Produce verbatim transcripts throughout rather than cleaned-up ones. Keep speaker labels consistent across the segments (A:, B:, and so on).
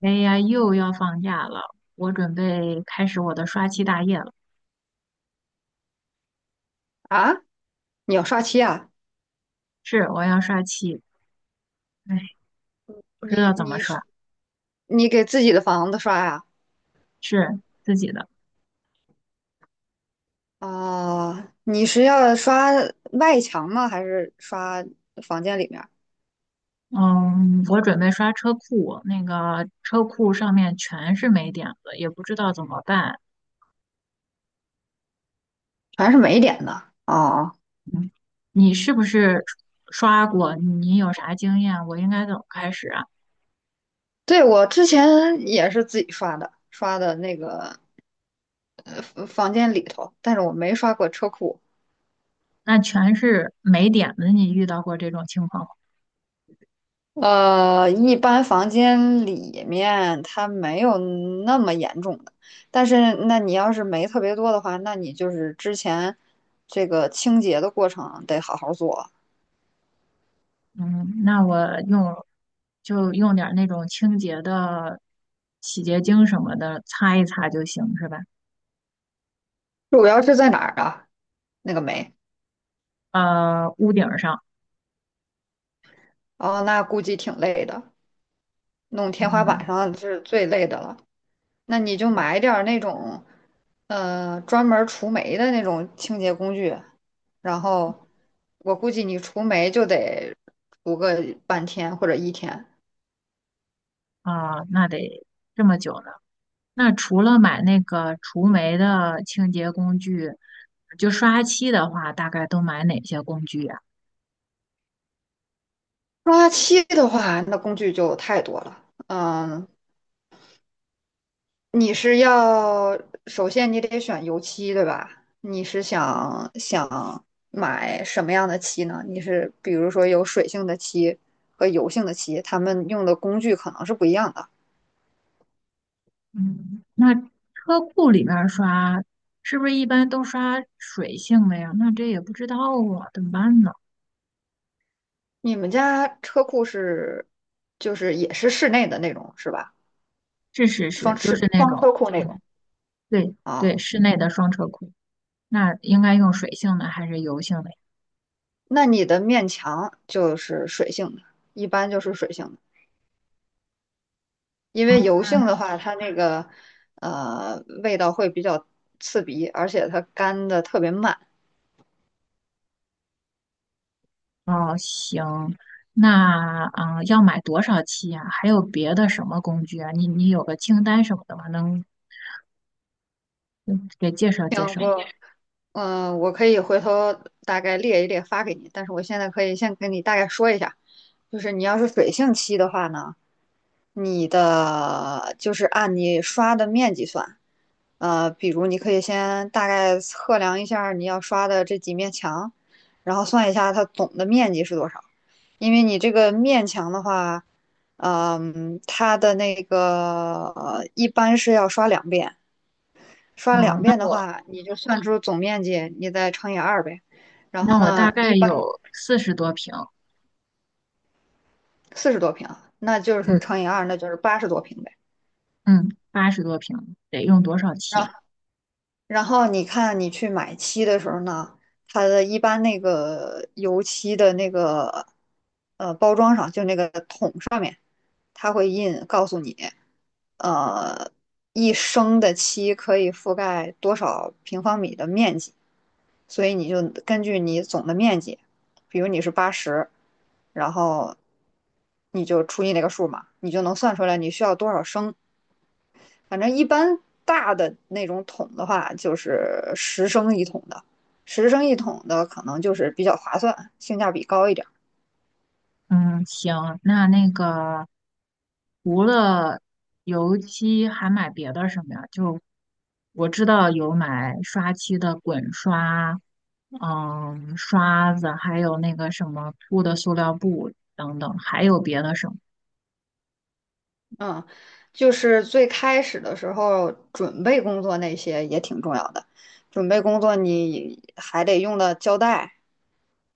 A: 哎呀，又要放假了，我准备开始我的刷漆大业了。
B: 啊，你要刷漆啊？
A: 是，我要刷漆，哎，不知道
B: 你
A: 怎么
B: 你
A: 刷，
B: 刷你给自己的房子刷呀、
A: 是自己的。
B: 啊？你是要刷外墙吗？还是刷房间里面儿？
A: 嗯，我准备刷车库，那个车库上面全是霉点子，也不知道怎么办。
B: 全是霉点的哦。
A: 你是不是刷过？你有啥经验？我应该怎么开始啊？
B: 对，我之前也是自己刷的，刷的那个呃房间里头，但是我没刷过车库。
A: 那全是霉点子，你遇到过这种情况吗？
B: 呃，一般房间里面它没有那么严重的，但是那你要是霉特别多的话，那你就是之前这个清洁的过程得好好做。
A: 嗯，那我用就用点儿那种清洁的洗洁精什么的擦一擦就行，是吧？
B: 主要是在哪儿啊？那个霉，
A: 呃，屋顶儿上，
B: 哦，那估计挺累的，弄天花
A: 嗯，
B: 板上是最累的了。那你就
A: 是
B: 买点儿那种，呃，专门儿除霉的那种清洁工具，然后我估计你除霉就得除个半天或者一天。
A: 啊，那得这么久呢。那除了买那个除霉的清洁工具，就刷漆的话，大概都买哪些工具呀？
B: 刷漆的话，那工具就太多了。嗯，你是要首先你得选油漆，对吧？你是想想买什么样的漆呢？你是比如说有水性的漆和油性的漆，他们用的工具可能是不一样的。
A: 嗯，那车库里面儿刷是不是一般都刷水性的呀？那这也不知道啊，怎么办呢？
B: 你们家车库是就是也是室内的那种是吧？
A: 是是是，
B: 双
A: 就是
B: 室
A: 那
B: 双
A: 种。
B: 车库那种
A: 嗯。对对，
B: 啊？
A: 室内的双车库，那应该用水性的还是油性的呀？
B: 那你的面墙就是水性的，一般就是水性的。因
A: 哦，
B: 为油性的话，它那个呃味道会比较刺鼻，而且它干的特别慢。
A: 哦，行，那啊、呃要买多少期呀、还有别的什么工具啊？你你有个清单什么的吗？能嗯给介绍
B: 然
A: 介绍？
B: 后，嗯、呃我可以回头大概列一列发给你，但是我现在可以先跟你大概说一下，就是你要是水性漆的话呢，你的就是按你刷的面积算，呃，比如你可以先大概测量一下你要刷的这几面墙，然后算一下它总的面积是多少。因为你这个面墙的话，嗯，它的那个呃一般是要刷两遍，刷
A: 哦，
B: 两
A: 那
B: 遍的
A: 我
B: 话，你就算出总面积，你再乘以二呗。然
A: 那
B: 后
A: 我大
B: 呢，
A: 概
B: 一般
A: 有四十多平，
B: 四十多平，那就是
A: 嗯
B: 乘以二，那就是八十多平呗。
A: 嗯，八十多平，得用多少期
B: 然
A: 啊？
B: 后，然后你看你去买漆的时候呢，它的一般那个油漆的那个呃包装上，就那个桶上面，它会印告诉你，呃，一升的漆可以覆盖多少平方米的面积，所以你就根据你总的面积，比如你是八十，然后你就除以那个数嘛，你就能算出来你需要多少升。反正一般大的那种桶的话，就是十升一桶的，十升一桶的可能就是比较划算，性价比高一点。
A: 嗯，行，那那个除了油漆，还买别的什么呀？就我知道有买刷漆的滚刷，嗯，刷子，还有那个什么铺的塑料布等等，还有别的什么？
B: 嗯，就是最开始的时候，准备工作那些也挺重要的。准备工作你还得用到胶带，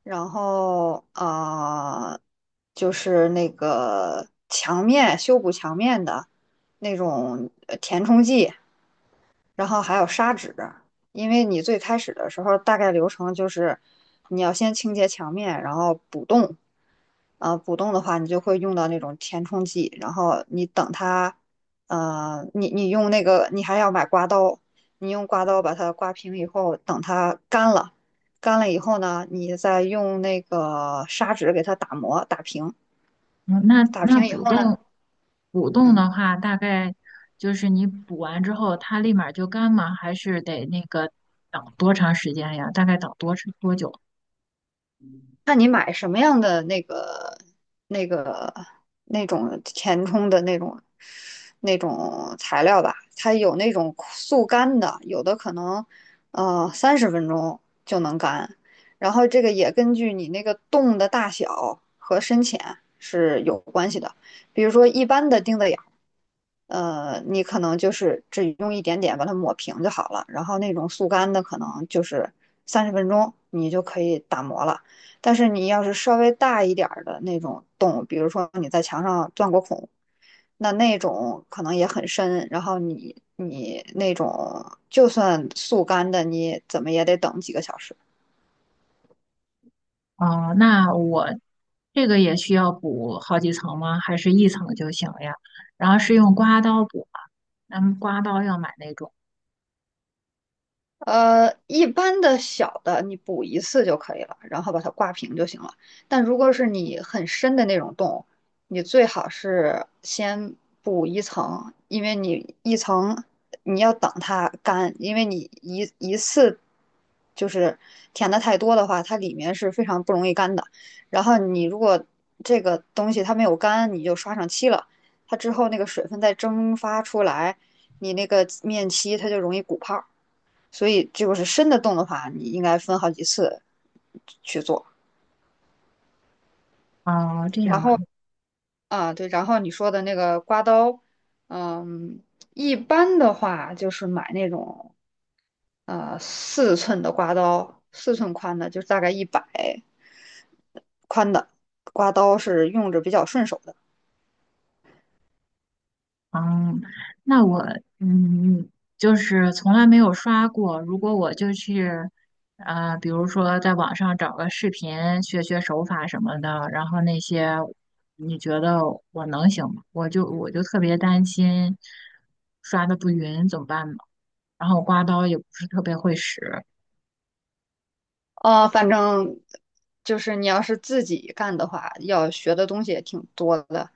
B: 然后呃，就是那个墙面修补墙面的那种呃填充剂，然后还有砂纸，因为你最开始的时候大概流程就是你要先清洁墙面，然后补洞。呃，补洞的话，你就会用到那种填充剂，然后你等它，呃，你你用那个，你还要买刮刀，你用刮刀把它刮平以后，等它干了，干了以后呢，你再用那个砂纸给它打磨打平，
A: 嗯那
B: 打
A: 那
B: 平以
A: 补
B: 后呢，
A: 洞，补洞
B: 嗯，
A: 的话，大概就是你补完之后，它立马就干吗？还是得那个等多长时间呀？大概等多长多久？
B: 看你买什么样的那个、那个、那种填充的那种、那种材料吧。它有那种速干的，有的可能呃三十分钟就能干。然后这个也根据你那个洞的大小和深浅是有关系的。比如说一般的钉子眼儿，呃，你可能就是只用一点点把它抹平就好了。然后那种速干的可能就是三十分钟你就可以打磨了。但是你要是稍微大一点儿的那种洞，比如说你在墙上钻过孔，那那种可能也很深，然后你你那种就算速干的，你怎么也得等几个小时。
A: 哦，那我这个也需要补好几层吗？还是一层就行呀？然后是用刮刀补吗，咱们刮刀要买那种。
B: 呃，一般的小的你补一次就可以了，然后把它挂平就行了。但如果是你很深的那种洞，你最好是先补一层，因为你一层你要等它干，因为你一一次就是填的太多的话，它里面是非常不容易干的。然后你如果这个东西它没有干，你就刷上漆了，它之后那个水分再蒸发出来，你那个面漆它就容易鼓泡。所以就是深的洞的话，你应该分好几次去做。
A: 哦，这
B: 然
A: 样啊，
B: 后啊，对，然后你说的那个刮刀，嗯，一般的话就是买那种呃四寸的刮刀，四寸宽的，就是大概一百宽的刮刀是用着比较顺手的。
A: 嗯，那我嗯，就是从来没有刷过。如果我就去，呃，比如说在网上找个视频学学手法什么的，然后那些，你觉得我能行吗？我就我就特别担心刷的不匀，怎么办呢？然后刮刀也不是特别会使
B: 呃，反正就是你要是自己干的话，要学的东西也挺多的。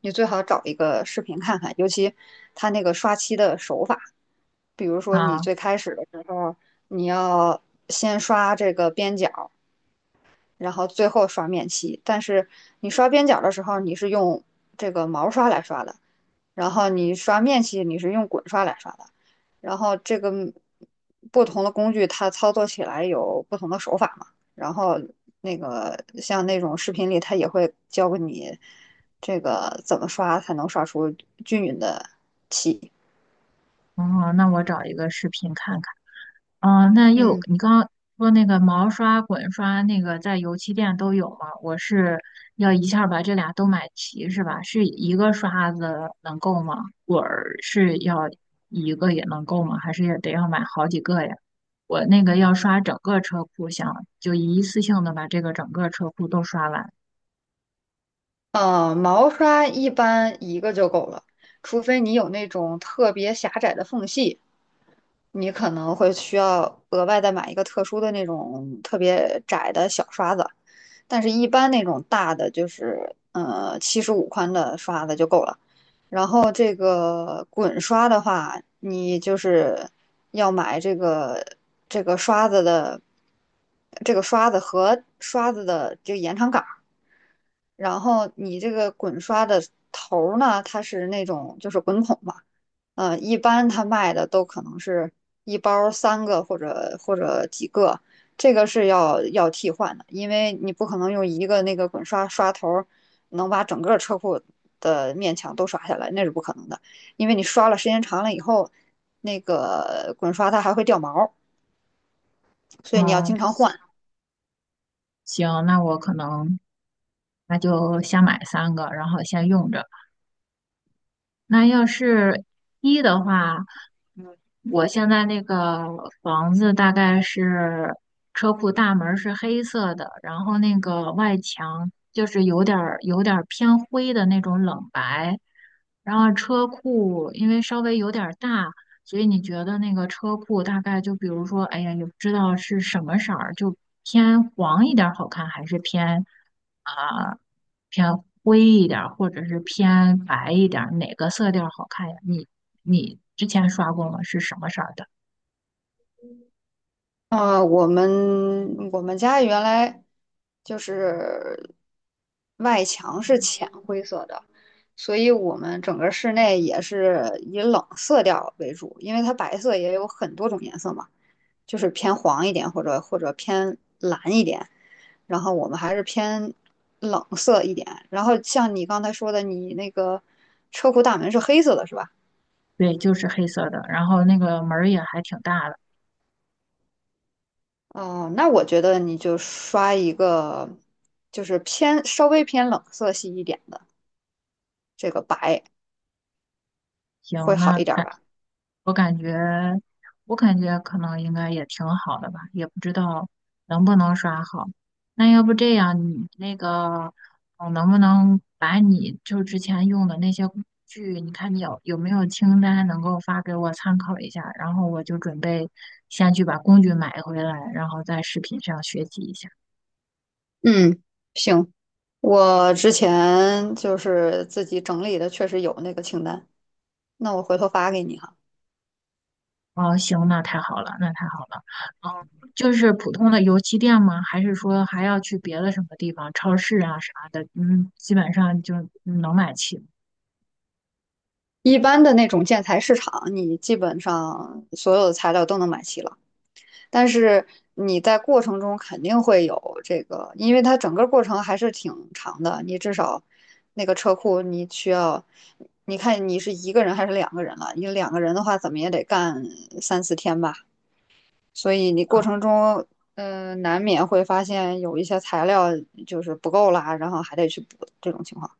B: 你最好找一个视频看看，尤其他那个刷漆的手法，比如说你
A: 啊。
B: 最开始的时候，你要先刷这个边角，然后最后刷面漆。但是你刷边角的时候，你是用这个毛刷来刷的，然后你刷面漆，你是用滚刷来刷的。然后这个不同的工具，它操作起来有不同的手法嘛。然后那个像那种视频里，它也会教给你这个怎么刷才能刷出均匀的漆。
A: 嗯，那我找一个视频看看。哦，那又
B: 嗯。
A: 你刚刚说那个毛刷、滚刷，那个在油漆店都有吗？我是要一下儿把这俩都买齐是吧？是一个刷子能够吗？滚儿是要一个也能够吗？还是也得要买好几个呀？我那个要刷整个车库，想就一次性的把这个整个车库都刷完。
B: 呃，毛刷一般一个就够了，除非你有那种特别狭窄的缝隙，你可能会需要额外再买一个特殊的那种特别窄的小刷子。但是，一般那种大的就是呃七十五宽的刷子就够了。然后这个滚刷的话，你就是要买这个这个刷子的这个刷子和刷子的这个延长杆。然后你这个滚刷的头儿呢，它是那种就是滚筒嘛，呃，一般它卖的都可能是一包三个或者或者几个，这个是要要替换的，因为你不可能用一个那个滚刷刷头儿能把整个车库的面墙都刷下来，那是不可能的，因为你刷了时间长了以后，那个滚刷它还会掉毛所以你要
A: 嗯。
B: 经常换。
A: 行，那我可能那就先买三个，然后先用着。那要是一的话，嗯，我现在那个房子大概是车库大门是黑色的，然后那个外墙就是有点儿有点儿偏灰的那种冷白，然后车库因为稍微有点儿大，所以你觉得那个车库大概就比如说，哎呀，也不知道是什么色儿，就偏黄一点儿好看，还是偏啊、偏灰一点儿，或者是偏白一点儿，哪个色调好看呀？你你之前刷过吗？是什么色儿的？
B: 啊，我们我们家原来就是外墙是浅灰色的，所以我们整个室内也是以冷色调为主，因为它白色也有很多种颜色嘛，就是偏黄一点或者或者偏蓝一点，然后我们还是偏冷色一点。然后像你刚才说的，你那个车库大门是黑色的，是吧？
A: 对，就是黑色的，然后那个门儿也还挺大的。
B: 哦，那我觉得你就刷一个，就是偏稍微偏冷色系一点的，这个白会
A: 行，
B: 好
A: 那
B: 一点
A: 感
B: 吧？
A: 我感觉，我感觉可能应该也挺好的吧，也不知道能不能刷好。那要不这样，你那个，呃能不能把你就之前用的那些工具，你看你有有没有清单能够发给我参考一下，然后我就准备先去把工具买回来，然后在视频上学习一下。
B: 嗯，行，我之前就是自己整理的，确实有那个清单，那我回头发给你哈。
A: 哦，行，那太好了，那太好了。嗯，就是普通的油漆店吗？还是说还要去别的什么地方，超市啊啥的？嗯，基本上就能买齐。
B: 一般的那种建材市场，你基本上所有的材料都能买齐了。但是你在过程中肯定会有这个，因为它整个过程还是挺长的，你至少那个车库你需要，你看你是一个人还是两个人了？你两个人的话，怎么也得干三四天吧，所以你过
A: 啊
B: 程中。呃，难免会发现有一些材料就是不够啦，然后还得去补这种情况。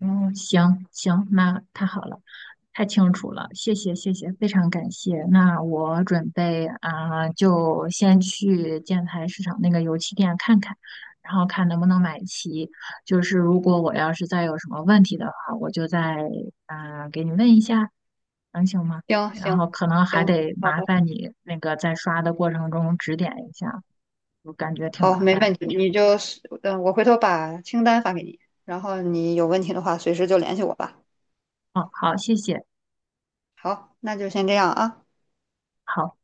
A: 嗯，行行，那太好了，太清楚了，谢谢谢谢，非常感谢。那我准备啊、就先去建材市场那个油漆店看看，然后看能不能买齐。就是如果我要是再有什么问题的话，我就再啊、给你问一下，能行吗？
B: 行
A: 然后
B: 行
A: 可能还
B: 行，
A: 得
B: 好
A: 麻
B: 的，
A: 烦你那个在刷的过程中指点一下，我感觉挺麻
B: 好，没
A: 烦
B: 问
A: 的。
B: 题，你就，嗯、我回头把清单发给你，然后你有问题的话随时就联系我吧。
A: 哦，好，谢谢，
B: 好，那就先这样啊。
A: 好。